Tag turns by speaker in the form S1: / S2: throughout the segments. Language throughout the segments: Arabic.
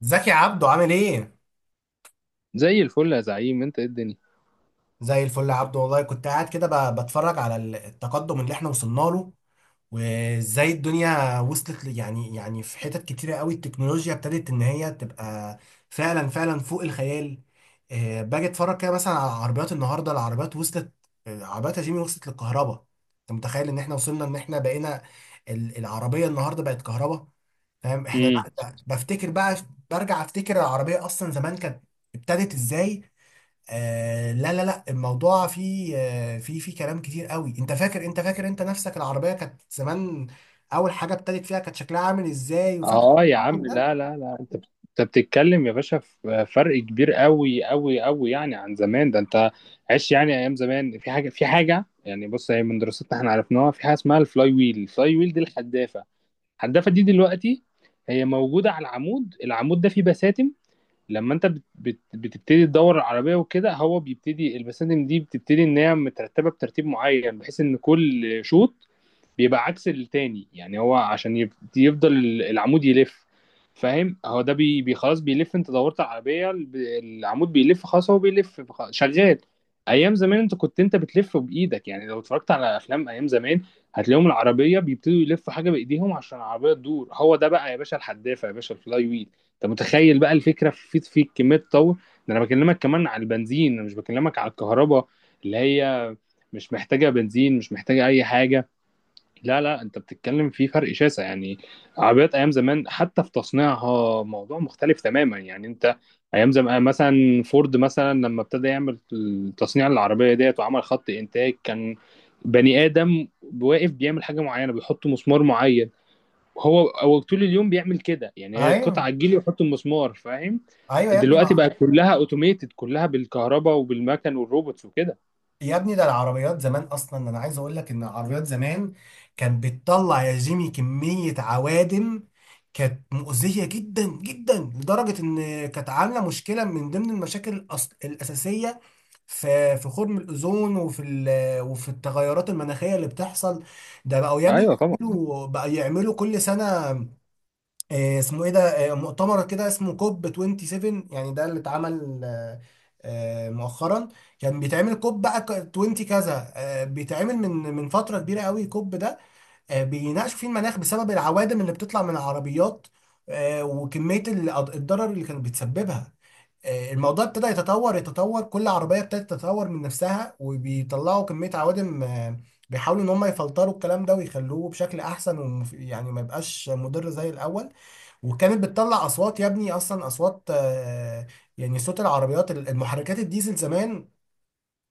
S1: زكي عبده عامل ايه؟
S2: زي الفل يا زعيم، انت ايه الدنيا.
S1: زي الفل يا عبده، والله كنت قاعد كده بتفرج على التقدم اللي احنا وصلنا له. وازاي الدنيا وصلت يعني في حتت كتيرة قوي التكنولوجيا ابتدت ان هي تبقى فعلا فعلا فوق الخيال. باجي اتفرج كده مثلا على عربيات النهارده، العربيات وصلت. عربيات يا جيمي وصلت للكهرباء. انت متخيل ان احنا وصلنا ان احنا بقينا العربية النهارده بقت كهرباء؟ فاهم احنا، لا
S2: امم.
S1: بفتكر بقى، برجع افتكر العربية اصلا زمان كانت ابتدت ازاي. لا لا لا، الموضوع فيه فيه كلام كتير قوي. انت فاكر انت نفسك العربية كانت زمان اول حاجة ابتدت فيها كانت شكلها عامل ازاي، وفاكر
S2: اه يا عم،
S1: التحول ده.
S2: لا لا لا، انت بتتكلم يا باشا، في فرق كبير قوي قوي قوي يعني عن زمان. ده انت عشت يعني ايام زمان. في حاجه يعني، بص، هي من دراستنا احنا عرفناها، في حاجه اسمها الفلاي ويل. الفلاي ويل دي الحدافه. الحدافه دي دلوقتي هي موجوده على العمود. العمود ده فيه بساتم. لما انت بت بت بتبتدي تدور العربيه وكده، هو بيبتدي البساتم دي بتبتدي ان هي مترتبه بترتيب معين، بحيث ان كل شوط بيبقى عكس التاني، يعني هو عشان يفضل العمود يلف. فاهم، هو ده خلاص بيلف. انت دورت على العربية، العمود بيلف، خلاص هو بيلف، شغال. ايام زمان انت بتلف بايدك، يعني لو اتفرجت على افلام ايام زمان هتلاقيهم العربية بيبتدوا يلفوا حاجة بايديهم عشان العربية تدور. هو ده بقى يا باشا الحدافة، يا باشا الفلاي ويل. انت متخيل بقى الفكرة في كمية تطور. ده انا بكلمك كمان على البنزين، انا مش بكلمك على الكهرباء اللي هي مش محتاجة بنزين، مش محتاجة اي حاجة. لا لا، انت بتتكلم في فرق شاسع يعني. عربيات ايام زمان حتى في تصنيعها موضوع مختلف تماما، يعني انت ايام زمان مثلا فورد مثلا لما ابتدى يعمل تصنيع العربيه ديت وعمل خط انتاج، كان بني ادم واقف بيعمل حاجه معينه، بيحط مسمار معين، هو طول اليوم بيعمل كده، يعني هي القطعه
S1: ايوه،
S2: تجيلي ويحط المسمار، فاهم.
S1: ايوه يا ابني.
S2: دلوقتي
S1: مع
S2: بقى كلها اوتوميتد، كلها بالكهرباء وبالمكن والروبوتس وكده.
S1: يا ابني ده العربيات زمان، اصلا انا عايز اقول لك ان العربيات زمان كانت بتطلع يا جيمي كمية عوادم كانت مؤذية جدا جدا، لدرجة ان كانت عاملة مشكلة من ضمن المشاكل الأساسية في في خرم الاوزون وفي التغيرات المناخيه اللي بتحصل. ده بقوا يا ابني،
S2: ايوه طبعا.
S1: بقوا يعملوا كل سنه. اسمه ايه ده؟ مؤتمر كده اسمه كوب 27. يعني ده اللي اتعمل مؤخرا. كان بيتعمل كوب بقى 20 كذا، بيتعمل من فتره كبيره قوي كوب ده. بيناقشوا فيه المناخ بسبب العوادم اللي بتطلع من العربيات، وكميه الضرر اللي كانت بتسببها. الموضوع ابتدى يتطور. كل عربية ابتدت تتطور من نفسها وبيطلعوا كمية عوادم. بيحاولوا ان هم يفلتروا الكلام ده ويخلوه بشكل احسن يعني ما يبقاش مضر زي الاول. وكانت بتطلع اصوات يا ابني، اصلا اصوات. يعني صوت العربيات، المحركات الديزل زمان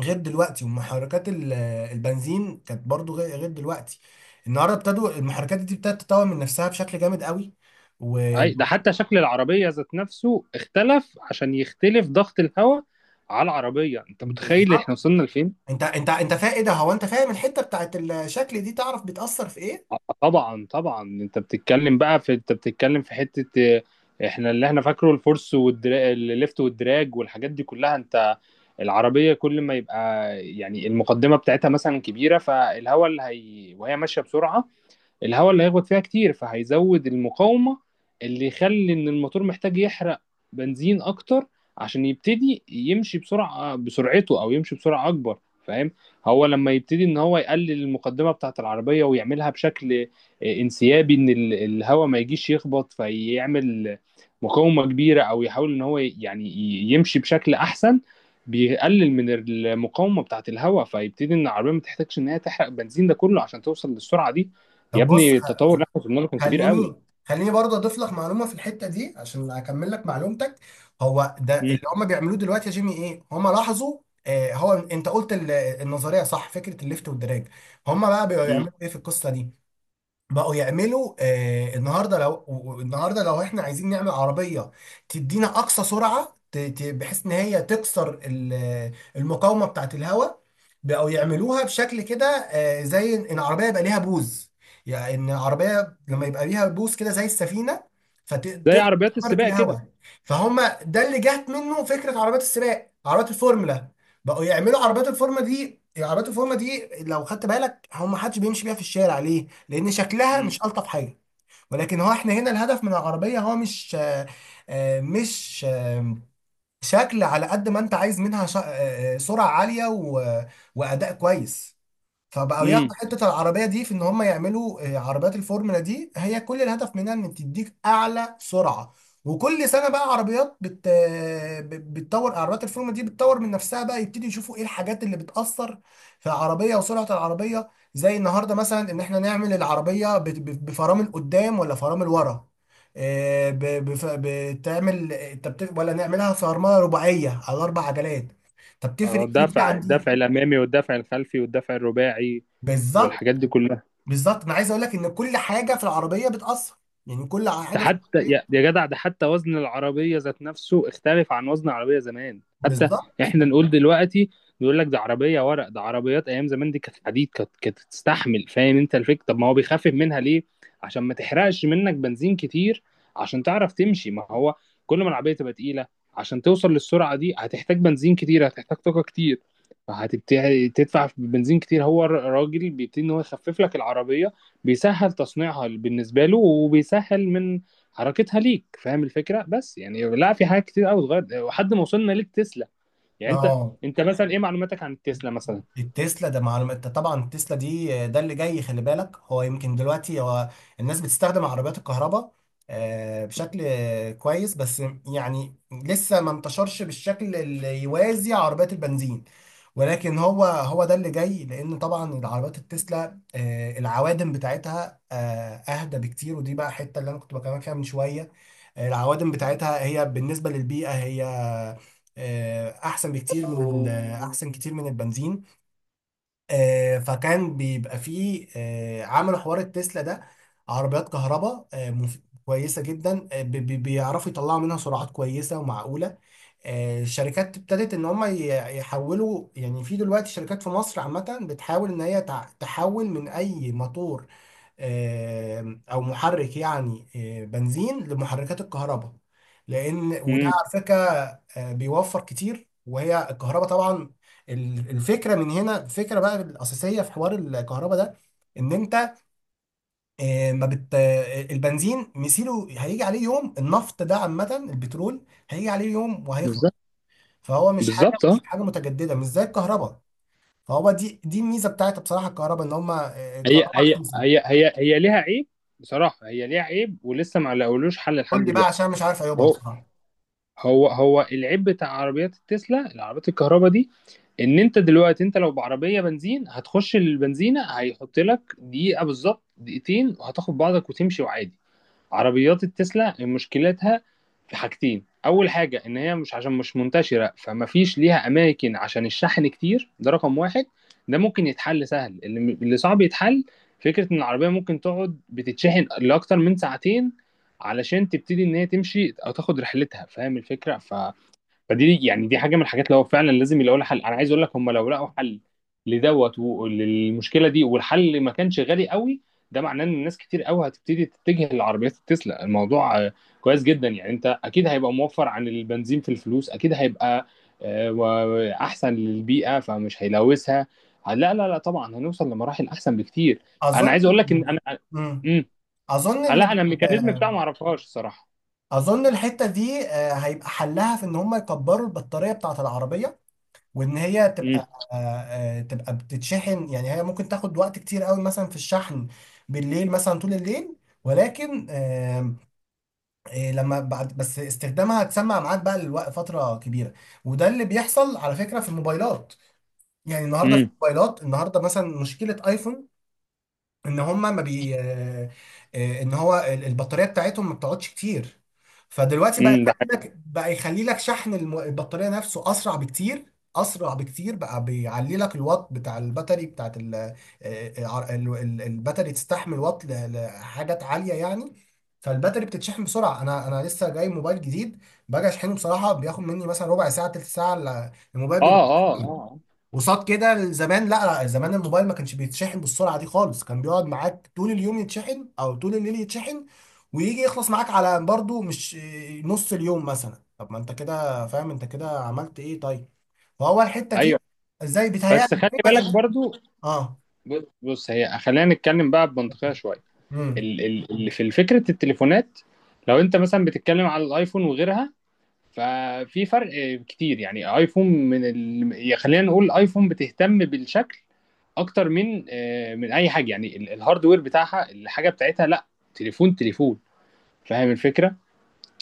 S1: غير دلوقتي، ومحركات البنزين كانت برضو غير دلوقتي. النهارده ابتدوا المحركات دي ابتدت تتطور من نفسها بشكل جامد قوي. و بز-
S2: اي ده حتى شكل العربية ذات نفسه اختلف عشان يختلف ضغط الهواء على العربية، انت متخيل احنا
S1: بالظبط.
S2: وصلنا لفين؟
S1: انت فاهم ايه ده؟ هو انت فاهم الحته بتاعت الشكل دي تعرف بتأثر في ايه؟
S2: آه، طبعا طبعا. انت بتتكلم في حتة، آه، احنا اللي احنا فاكره الفورس الليفت والدراج والحاجات دي كلها. انت العربية كل ما يبقى يعني المقدمة بتاعتها مثلا كبيرة، فالهواء اللي هي وهي ماشية بسرعة، الهواء اللي هيخبط فيها كتير فهيزود المقاومة اللي يخلي ان الموتور محتاج يحرق بنزين اكتر عشان يبتدي يمشي بسرعة بسرعته او يمشي بسرعة اكبر، فاهم. هو لما يبتدي ان هو يقلل المقدمة بتاعة العربية ويعملها بشكل انسيابي، ان الهواء ما يجيش يخبط فيعمل مقاومة كبيرة، او يحاول ان هو يعني يمشي بشكل احسن، بيقلل من المقاومة بتاعة الهواء، فيبتدي ان العربية ما تحتاجش ان هي تحرق بنزين ده كله عشان توصل للسرعة دي. يا
S1: طب بص
S2: ابني، التطور
S1: خ-
S2: اللي احنا وصلنا له كان كبير قوي.
S1: خليني برضه اضيف لك معلومه في الحته دي عشان اكمل لك معلومتك. هو ده اللي
S2: امم.
S1: هم بيعملوه دلوقتي يا جيمي. ايه هم لاحظوا؟ آه، هو انت قلت النظريه صح، فكره الليفت والدراج. هم بقى
S2: امم.
S1: بيعملوا ايه في القصه دي؟ بقوا يعملوا النهارده لو احنا عايزين نعمل عربيه تدينا اقصى سرعه بحيث ان هي تكسر المقاومه بتاعه الهواء. بقوا يعملوها بشكل كده، زي ان العربيه يبقى ليها بوز. يعني ان العربيه لما يبقى ليها بوز كده زي السفينه
S2: زي
S1: فتقدر
S2: عربيات
S1: تخترق
S2: السباق كده.
S1: الهواء. فهم ده اللي جات منه فكره عربيات السباق، عربيات الفورمولا. بقوا يعملوا عربيات الفورمولا دي. عربيات الفورمولا دي لو خدت بالك هم محدش بيمشي بيها في الشارع، لان شكلها
S2: امم.
S1: مش الطف حاجه. ولكن هو احنا هنا الهدف من العربيه هو مش آه، شكل. على قد ما انت عايز منها سرعه عاليه واداء كويس. فبقوا
S2: امم.
S1: ياخدوا حتة العربية دي في ان هم يعملوا عربيات الفورمولا دي هي كل الهدف منها ان تديك اعلى سرعة. وكل سنة بقى عربيات بتطور، عربيات الفورمولا دي بتطور من نفسها بقى، يبتدي يشوفوا ايه الحاجات اللي بتأثر في العربية وسرعة العربية. زي النهاردة مثلا ان احنا نعمل العربية بفرامل قدام ولا فرامل ورا. بتعمل، ولا نعملها فرملة رباعية على اربع عجلات؟ طب
S2: آه،
S1: تفرق ايه دي
S2: الدفع،
S1: عن دي؟
S2: الدفع الامامي والدفع الخلفي والدفع الرباعي
S1: بالظبط.
S2: والحاجات دي كلها.
S1: بالظبط، ما عايز اقول لك ان كل حاجه في العربيه بتاثر. يعني كل
S2: ده
S1: حاجه في
S2: حتى
S1: العربيه.
S2: يا جدع، ده حتى وزن العربية ذات نفسه اختلف عن وزن العربية زمان حتى.
S1: بالظبط.
S2: احنا نقول دلوقتي يقول لك ده عربية ورق، ده عربيات ايام زمان دي كانت حديد، كانت تستحمل، فاهم انت الفكرة. طب ما هو بيخفف منها ليه؟ عشان ما تحرقش منك بنزين كتير، عشان تعرف تمشي، ما هو كل ما العربية تبقى تقيلة عشان توصل للسرعة دي هتحتاج بنزين كتير، هتحتاج طاقة كتير، فهتبتدي تدفع في بنزين كتير. هو الراجل بيبتدي ان هو يخفف لك العربية، بيسهل تصنيعها بالنسبة له وبيسهل من حركتها ليك، فاهم الفكره. بس يعني لا، في حاجات كتير قوي اتغيرت وحد ما وصلنا للتسلا، يعني انت،
S1: اه.
S2: انت مثلا ايه معلوماتك عن التسلا مثلا؟
S1: التسلا ده معلومة. انت طبعا التسلا دي ده اللي جاي، خلي بالك. هو يمكن دلوقتي الناس بتستخدم عربيات الكهرباء بشكل كويس، بس يعني لسه ما انتشرش بالشكل اللي يوازي عربيات البنزين. ولكن هو ده اللي جاي، لان طبعا العربيات التسلا العوادم بتاعتها اهدى بكتير، ودي بقى حته اللي انا كنت بكلمك فيها من شويه. العوادم بتاعتها هي بالنسبة للبيئة هي أحسن بكتير أحسن كتير من البنزين. فكان بيبقى فيه عملوا حوار التسلا ده، عربيات كهرباء، كويسة جدا، بيعرفوا يطلعوا منها سرعات كويسة ومعقولة. الشركات ابتدت ان هم يحولوا. يعني في دلوقتي شركات في مصر عامة بتحاول ان هي تحول من اي موتور او محرك يعني بنزين لمحركات الكهرباء. لان وده
S2: امم.
S1: على فكرة بيوفر كتير، وهي الكهرباء طبعا. الفكرة من هنا، الفكرة بقى الأساسية في حوار الكهرباء ده ان انت آه، ما بت آه، البنزين مثيله هيجي عليه يوم. النفط ده عامة البترول هيجي عليه يوم وهيخلص.
S2: بالظبط.
S1: فهو مش حاجه،
S2: بالظبط
S1: مش
S2: اه.
S1: حاجه متجدده، مش زي الكهرباء. فهو دي الميزه بتاعت بصراحه الكهرباء، ان هم الكهرباء رخيصه.
S2: هي ليها عيب، بصراحه هي ليها عيب ولسه ما لقولوش حل لحد
S1: قول لي بقى،
S2: دلوقتي.
S1: عشان مش عارف عيوبها
S2: هو
S1: بصراحه.
S2: هو العيب بتاع عربيات التسلا، العربيات الكهرباء دي، ان انت دلوقتي انت لو بعربيه بنزين هتخش البنزينه هيحط لك دقيقه بالظبط، دقيقتين، وهتاخد بعضك وتمشي وعادي. عربيات التسلا مشكلتها في حاجتين. اول حاجه ان هي، مش عشان مش منتشره فما فيش ليها اماكن عشان الشحن كتير، ده رقم واحد. ده ممكن يتحل سهل. اللي صعب يتحل فكره ان العربيه ممكن تقعد بتتشحن لاكتر من ساعتين علشان تبتدي ان هي تمشي او تاخد رحلتها، فاهم الفكره. فدي يعني، دي حاجه من الحاجات اللي هو فعلا لازم يلاقوا لها حل. انا عايز اقول لك، هم لو لقوا حل لدوت وللمشكله دي، والحل ما كانش غالي قوي، ده معناه ان الناس كتير قوي هتبتدي تتجه للعربيات التسلا. الموضوع كويس جدا، يعني انت اكيد هيبقى موفر عن البنزين في الفلوس، اكيد هيبقى احسن للبيئه فمش هيلوثها. لا لا لا، طبعا هنوصل لمراحل احسن بكتير. انا
S1: اظن.
S2: عايز اقول لك، ان انا
S1: امم.
S2: امم
S1: اظن ان
S2: لا،
S1: ال-
S2: انا الميكانيزم
S1: آه،
S2: بتاعه ما اعرفهاش الصراحه.
S1: اظن الحته دي هيبقى حلها في ان هم يكبروا البطاريه بتاعت العربيه، وان هي
S2: امم.
S1: تبقى تبقى بتتشحن. يعني هي ممكن تاخد وقت كتير قوي مثلا في الشحن بالليل، مثلا طول الليل. ولكن إيه لما بعد بس استخدامها هتسمع معاك بقى لوقت فتره كبيره. وده اللي بيحصل على فكره في الموبايلات. يعني النهارده في
S2: امم.
S1: الموبايلات، النهارده مثلا مشكله ايفون ان هم ما بي آه، آه، ان هو البطاريه بتاعتهم ما بتقعدش كتير. فدلوقتي بقى
S2: امم. ده حقيقي.
S1: يخلي لك شحن البطاريه نفسه اسرع بكتير. اسرع بكتير بقى بيعلي لك الوات بتاع الباتري بتاعت الباتري تستحمل وات لحاجات عاليه يعني. فالباتري بتتشحن بسرعه. انا لسه جاي موبايل جديد، باجي اشحنه بصراحه بياخد مني مثلا ربع ساعة تلت ساعة الموبايل
S2: اه
S1: بيبقى
S2: اه اه.
S1: وصاد كده. زمان، لا لا، زمان الموبايل ما كانش بيتشحن بالسرعه دي خالص، كان بيقعد معاك طول اليوم يتشحن او طول الليل يتشحن، ويجي يخلص معاك على برضو مش نص اليوم مثلا. طب ما انت كده فاهم، انت كده عملت ايه؟ طيب. فهو الحته دي
S2: ايوه.
S1: ازاي، بيتهيألي
S2: بس خلي
S1: إزاي بقيت.
S2: بالك برضو.
S1: اه.
S2: بص، هي خلينا نتكلم بقى بمنطقية شوية.
S1: امم.
S2: اللي في فكرة التليفونات، لو انت مثلا بتتكلم على الايفون وغيرها، ففي فرق كتير، يعني ايفون يا خلينا نقول ايفون بتهتم بالشكل اكتر من من اي حاجة، يعني الهاردوير بتاعها، الحاجة بتاعتها لا، تليفون تليفون، فاهم الفكرة.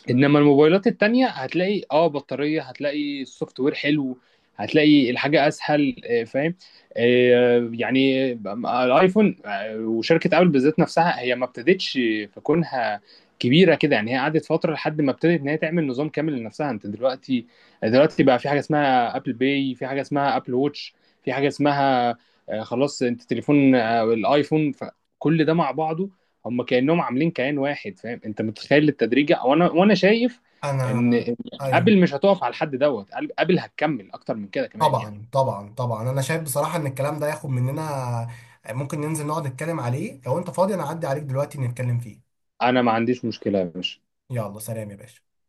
S2: انما الموبايلات التانية هتلاقي اه بطارية، هتلاقي السوفت وير حلو، هتلاقي الحاجة اسهل، فاهم. آه، يعني الايفون، وشركة ابل بالذات نفسها هي ما ابتدتش في كونها كبيرة كده، يعني هي قعدت فترة لحد ما ابتدت ان هي تعمل نظام كامل لنفسها. انت دلوقتي بقى في حاجة اسمها ابل باي، في حاجة اسمها ابل ووتش، في حاجة اسمها خلاص، انت تليفون، الايفون، فكل ده مع بعضه هم كانهم عاملين كيان واحد، فاهم. انت متخيل التدريجه، وانا شايف ان
S1: انا. ايوه.
S2: ابل مش هتقف على الحد دوت، ابل هتكمل اكتر من كده كمان، يعني
S1: طبعا طبعا طبعا، انا شايف بصراحه ان الكلام ده ياخد مننا، ممكن ننزل نقعد نتكلم عليه. لو انت فاضي انا اعدي عليك دلوقتي نتكلم فيه.
S2: انا ما عنديش مشكله يا باشا.
S1: يلا سلام يا باشا.